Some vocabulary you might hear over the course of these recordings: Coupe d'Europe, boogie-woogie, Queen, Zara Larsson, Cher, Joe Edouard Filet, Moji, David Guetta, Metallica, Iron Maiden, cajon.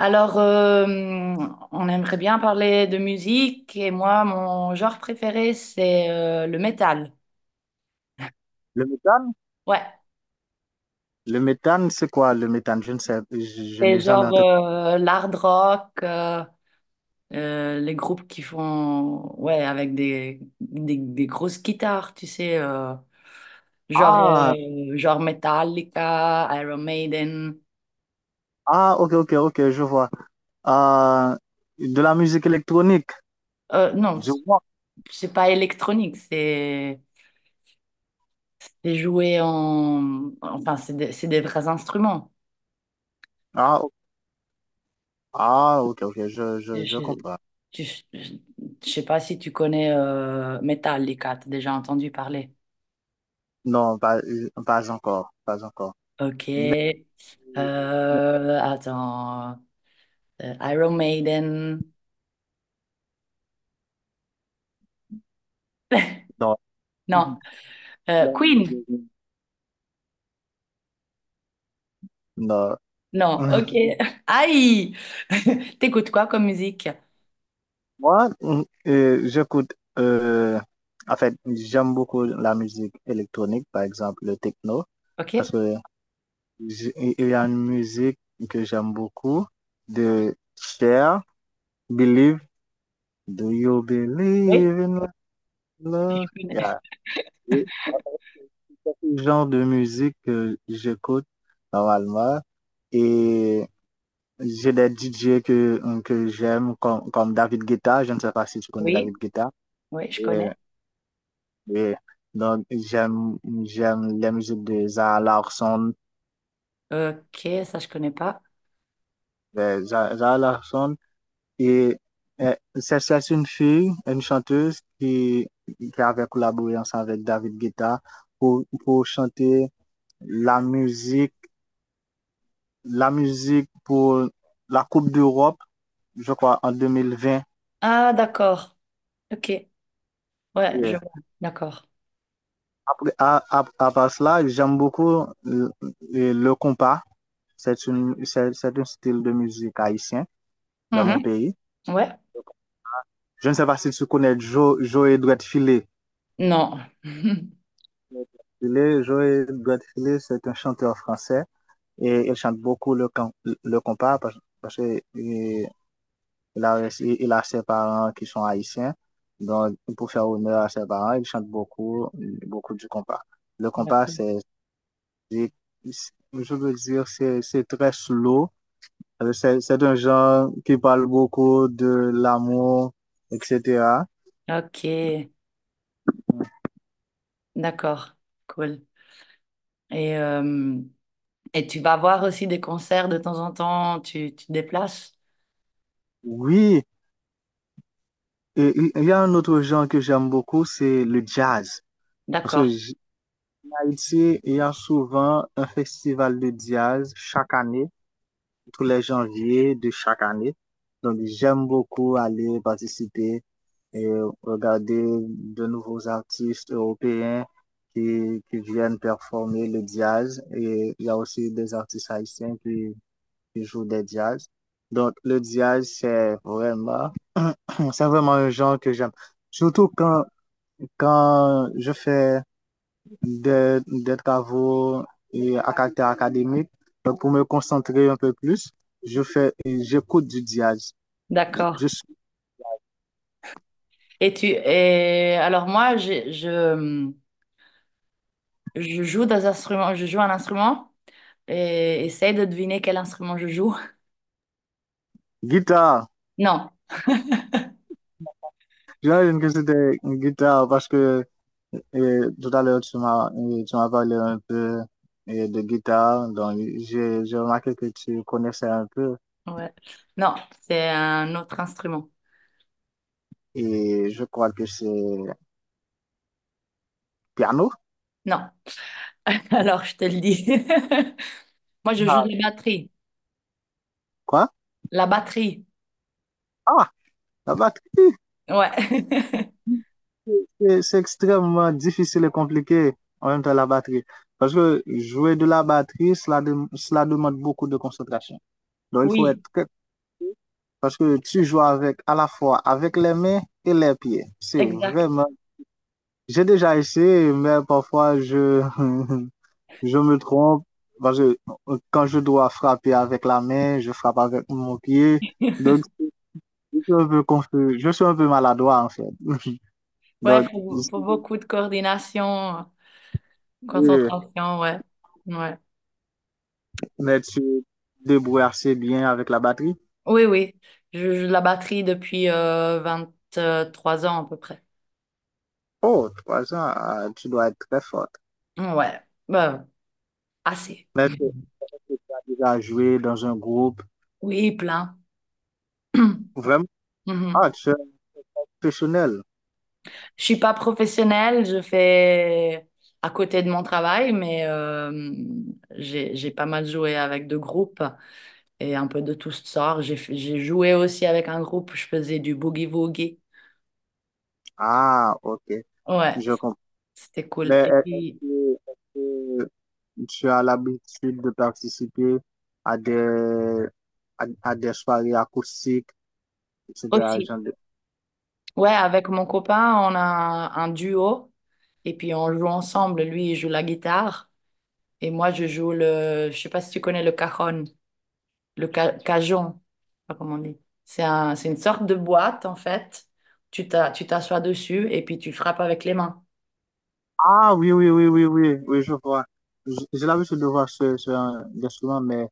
Alors, on aimerait bien parler de musique et moi, mon genre préféré, c'est le métal. Le méthane? Ouais, Le méthane, c'est quoi le méthane? Je ne sais, je c'est n'ai jamais genre entendu. L'hard rock, les groupes qui font, ouais, avec des grosses guitares, tu sais, genre, Ah, genre Metallica, Iron Maiden. ah, ok, ok, ok, je vois. Ah de la musique électronique, Non, je vois. c'est pas électronique, c'est joué en... Enfin, c'est des vrais instruments. Ah, ah, ok, ok, je Je, comprends. tu- je, je sais pas si tu connais Metallica, t'as déjà entendu parler. Non, pas, pas encore, pas encore. Ok. Mais, mais Attends. Iron Maiden. non. Non. Queen. Non. Non. Ok. Aïe! T'écoutes quoi comme musique? Moi, j'écoute, en fait, j'aime beaucoup la musique électronique, par exemple le techno, parce Ok. que il y a une musique que j'aime beaucoup de Cher, Believe. Do you Oui, believe in je love? connais. Yeah. C'est le genre de musique que j'écoute normalement. Et j'ai des DJ que j'aime, comme David Guetta. Je ne sais pas si tu connais Oui. David Guetta. Oui, je Et, connais. et donc, j'aime la musique de Zara Larsson. Ok, ça je connais pas. Zara Larsson, et c'est une fille, une chanteuse qui avait collaboré ensemble avec David Guetta pour chanter la musique, la musique pour la Coupe d'Europe, je crois, en 2020. Ah, d'accord. Ok. Ouais, Et je vois. D'accord. après, à part cela, j'aime beaucoup le compas. C'est un style de musique haïtien dans mon Mhm. pays. Ouais. Je ne sais pas si tu connais Joe Edouard Filet. Non. Filet, Joe Edouard Filet, c'est un chanteur français et il chante beaucoup le compas parce que euh, il a, il a ses parents qui sont haïtiens. Donc, pour faire honneur à ses parents, il chante beaucoup, beaucoup du compas. Le compas, D'accord. Je veux dire, c'est très slow. C'est un genre qui parle beaucoup de l'amour, etc. Ok. D'accord, cool. Et, euh, et tu vas voir aussi des concerts de temps en temps, tu te déplaces? Oui, et il y a un autre genre que j'aime beaucoup, c'est le jazz. Parce que D'accord, en Haïti, il y a souvent un festival de jazz chaque année tous les janvier de chaque année. Donc, j'aime beaucoup aller participer et regarder de nouveaux artistes européens qui viennent performer le jazz. Et il y a aussi des artistes haïtiens qui jouent des jazz. Donc, le jazz, c'est vraiment, c'est vraiment un genre que j'aime. Surtout quand je fais des travaux et à caractère académique. Donc, pour me concentrer un peu plus, j'écoute du jazz. Je, d'accord. je- Et tu et alors je joue des instruments, je joue un instrument et essaye de deviner quel instrument je joue. Guitare. Non, J'imagine que c'était une guitare parce que tout à l'heure, tu m'as parlé un peu de guitare. Donc, j'ai remarqué que tu connaissais un peu ouais. Non, c'est un autre instrument. et je crois que c'est piano. Non. Alors je te le dis. Moi je joue de Ah, la batterie. quoi? La batterie. Ah, la batterie. Ouais. C'est extrêmement difficile et compliqué en même temps la batterie. Parce que jouer de la batterie, cela demande beaucoup de concentration. Donc il faut être Oui, très. Parce que tu joues avec à la fois avec les mains et les pieds. C'est exact. vraiment. J'ai déjà essayé, mais parfois je, je me trompe. Parce que quand je dois frapper avec la main, je frappe avec mon pied. Donc je suis un peu confus. Je suis un peu maladroit en fait. Ouais, Donc, je faut suis beaucoup de coordination, confus. concentration, ouais. Ouais. Mais tu te débrouilles assez bien avec la batterie. Oui, oui. Je la batterie depuis 3 ans à peu près. Oh, 3 ans, ah, tu dois être très forte. Ouais, bah, assez. Mais est-ce que tu as déjà joué dans un groupe? Oui, plein. Vraiment? Ah, Mhm. tu es professionnel. Je suis pas professionnelle, je fais à côté de mon travail, mais j'ai pas mal joué avec 2 groupes et un peu de tout sort. J'ai joué aussi avec un groupe, je faisais du boogie-woogie. Ah, ok, Ouais, je comprends. c'était cool. Mais Et est-ce puis que, est-ce que tu as l'habitude de participer à des, à des soirées acoustiques, etc. aussi, ouais, avec mon copain, on a un duo et puis on joue ensemble. Lui, il joue la guitare et moi, je joue le, je sais pas si tu connais le cajon, cajon, je sais pas comment on dit. C'est un, c'est une sorte de boîte en fait. Tu t'assois dessus et puis tu frappes avec les mains. Ah, oui, oui, oui, oui, oui, oui, je vois. Je l'avais su devoir sur un instrument, mais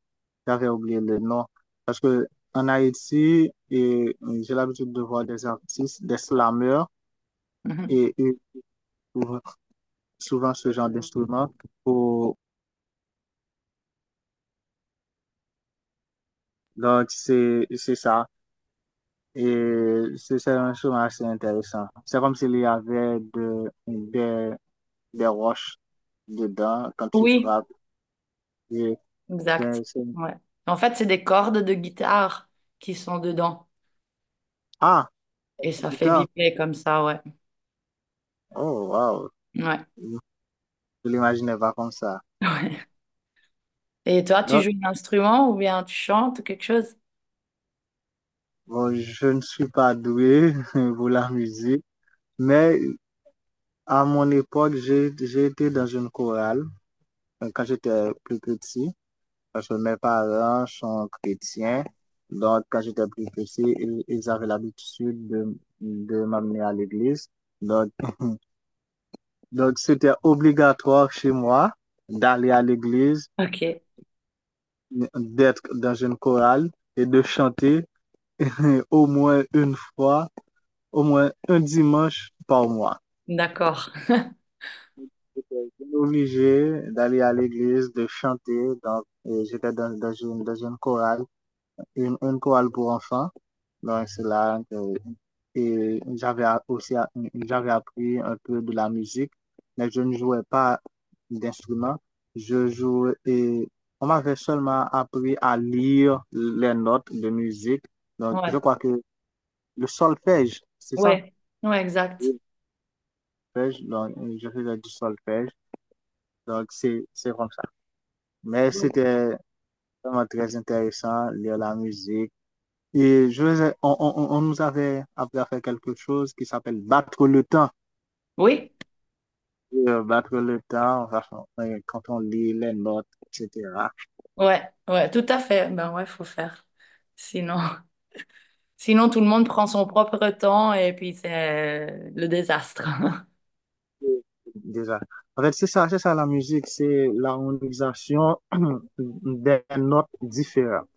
j'avais oublié le nom. Parce que en Haïti, et j'ai l'habitude de voir des artistes, des slameurs, Mhm. et ils trouvent souvent ce genre d'instrument. Pour... Donc, c'est ça. Et c'est un instrument assez intéressant. C'est comme s'il y avait des roches dedans quand tu Oui, frappes. Et exact. c'est- c'est- Ouais. En fait, c'est des cordes de guitare qui sont dedans Ah, et ça fait putain! vibrer comme ça, ouais. Oh, wow! Ouais. Je l'imaginais pas comme ça. Ouais. Et toi, tu Donc, joues un instrument ou bien tu chantes ou quelque chose? bon, je ne suis pas doué pour la musique, mais à mon époque, j'ai été dans une chorale quand j'étais plus petit, parce que mes parents sont chrétiens. Donc, quand j'étais plus petit, ils avaient l'habitude de m'amener à l'église. Donc, donc, c'était obligatoire chez moi d'aller à l'église, Ok. d'être dans une chorale et de chanter au moins une fois au moins un dimanche par mois. D'accord. J'étais obligé d'aller à l'église, de chanter. Donc, et j'étais dans une chorale, une chorale pour enfants. Donc, c'est là que et j'avais a- aussi a- j'avais appris un peu de la musique, mais je ne jouais pas d'instrument. Je jouais et on m'avait seulement appris à lire les notes de musique. Donc, je Ouais. crois que le solfège, c'est ça? Ouais. Ouais, exact. Oui. Solfège, donc, je faisais du solfège. Donc, c'est comme ça. Mais Oui. c'était vraiment très intéressant, lire la musique. Et je, vous ai- on nous avait appris à faire quelque chose qui s'appelle battre le temps. Oui. Battre le temps, enfin, quand on lit les notes, etc. Ouais. Ouais, tout à fait. Ben ouais, faut faire. Sinon, sinon tout le monde prend son propre temps et puis c'est le désastre. Déjà. En fait, c'est ça la musique, c'est l'harmonisation des notes différentes.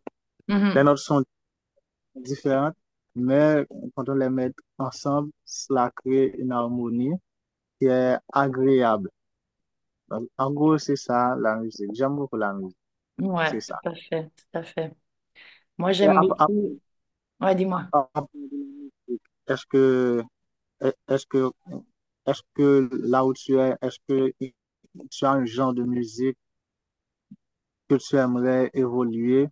Les Mhm. notes sont différentes, mais quand on les met ensemble, cela crée une harmonie qui est agréable. Donc, en gros, c'est ça la musique. J'aime beaucoup la musique, Ouais, c'est tout ça. à fait, tout à fait. Moi, Et j'aime à- à- beaucoup, ouais, part- dis-moi, à- part de la musique, Est-ce que, est-ce que, est-ce que là où tu es, est-ce que tu as un genre de musique que tu aimerais évoluer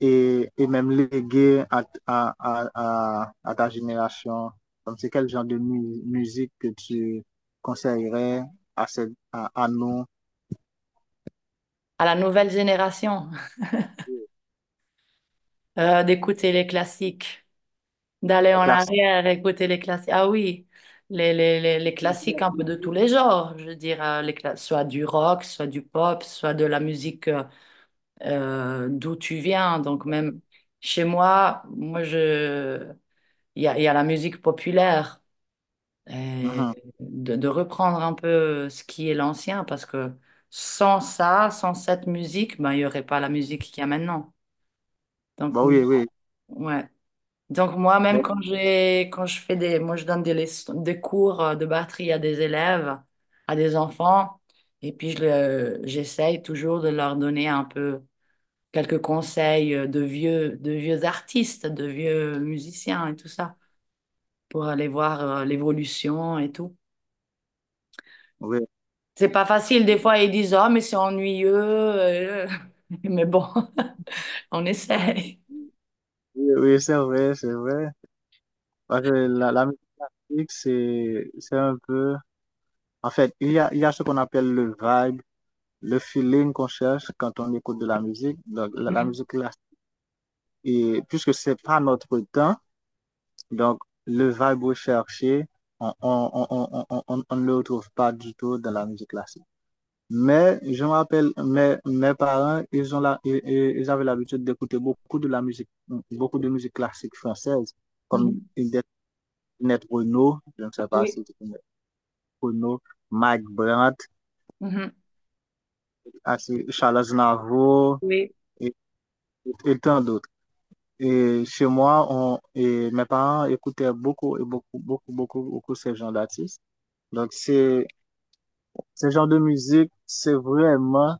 et même léguer à ta génération? Comme c'est quel genre de musique que tu conseillerais à, cette, à nos à la nouvelle génération, d'écouter les classiques, d'aller en classes? arrière, écouter les classiques. Ah oui, les classiques un peu de Mhm. tous les genres, je veux dire, soit du rock, soit du pop, soit de la musique d'où tu viens. Donc même chez moi, il y a la musique populaire et de reprendre un peu ce qui est l'ancien parce que sans ça, sans cette musique, ben il y aurait pas la musique qu'il y a maintenant. Donc Bah moi- oui, oui. ouais. Donc moi même Mais- quand je fais des moi je donne des cours de batterie à des élèves, à des enfants et puis j'essaye toujours de leur donner un peu quelques conseils de vieux artistes, de vieux musiciens et tout ça, pour aller voir l'évolution et tout. oui. C'est pas facile, des Oui, fois ils disent, ah, mais c'est ennuyeux, mais bon, on essaye. oui, c'est vrai, c'est vrai. Parce que la musique, c'est un peu. En fait, il y a ce qu'on appelle le vibe, le feeling qu'on cherche quand on écoute de la musique. Donc, la Mhm. musique, là, et puisque c'est pas notre temps, donc le vibe recherché, on ne le retrouve pas du tout dans la musique classique. Mais je me rappelle, mes parents, ils ont la, ils avaient l'habitude d'écouter beaucoup de la musique, beaucoup de musique classique française, comme Mhm. des Net Renault, je ne sais pas Oui, si c'est connais Renault, Mike Brandt, mhm, Charles Navo oui, et, et tant d'autres. Et chez moi, et mes parents écoutaient beaucoup et beaucoup, beaucoup, beaucoup, beaucoup ces genres d'artistes. Donc, ce genre de musique, c'est vraiment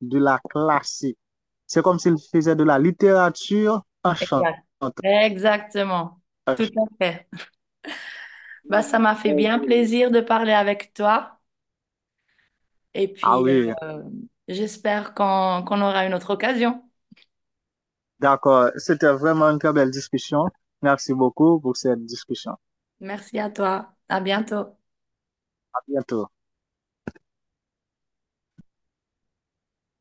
de la classique. C'est comme s'ils faisaient de la littérature en chantant. exact. Exactement, tout à fait. Bah, ça m'a fait bien plaisir de parler avec toi et Ah puis oui, euh, j'espère qu'on aura une autre occasion. d'accord. C'était vraiment une très belle discussion. Merci beaucoup pour cette discussion. Merci à toi, à bientôt. À bientôt.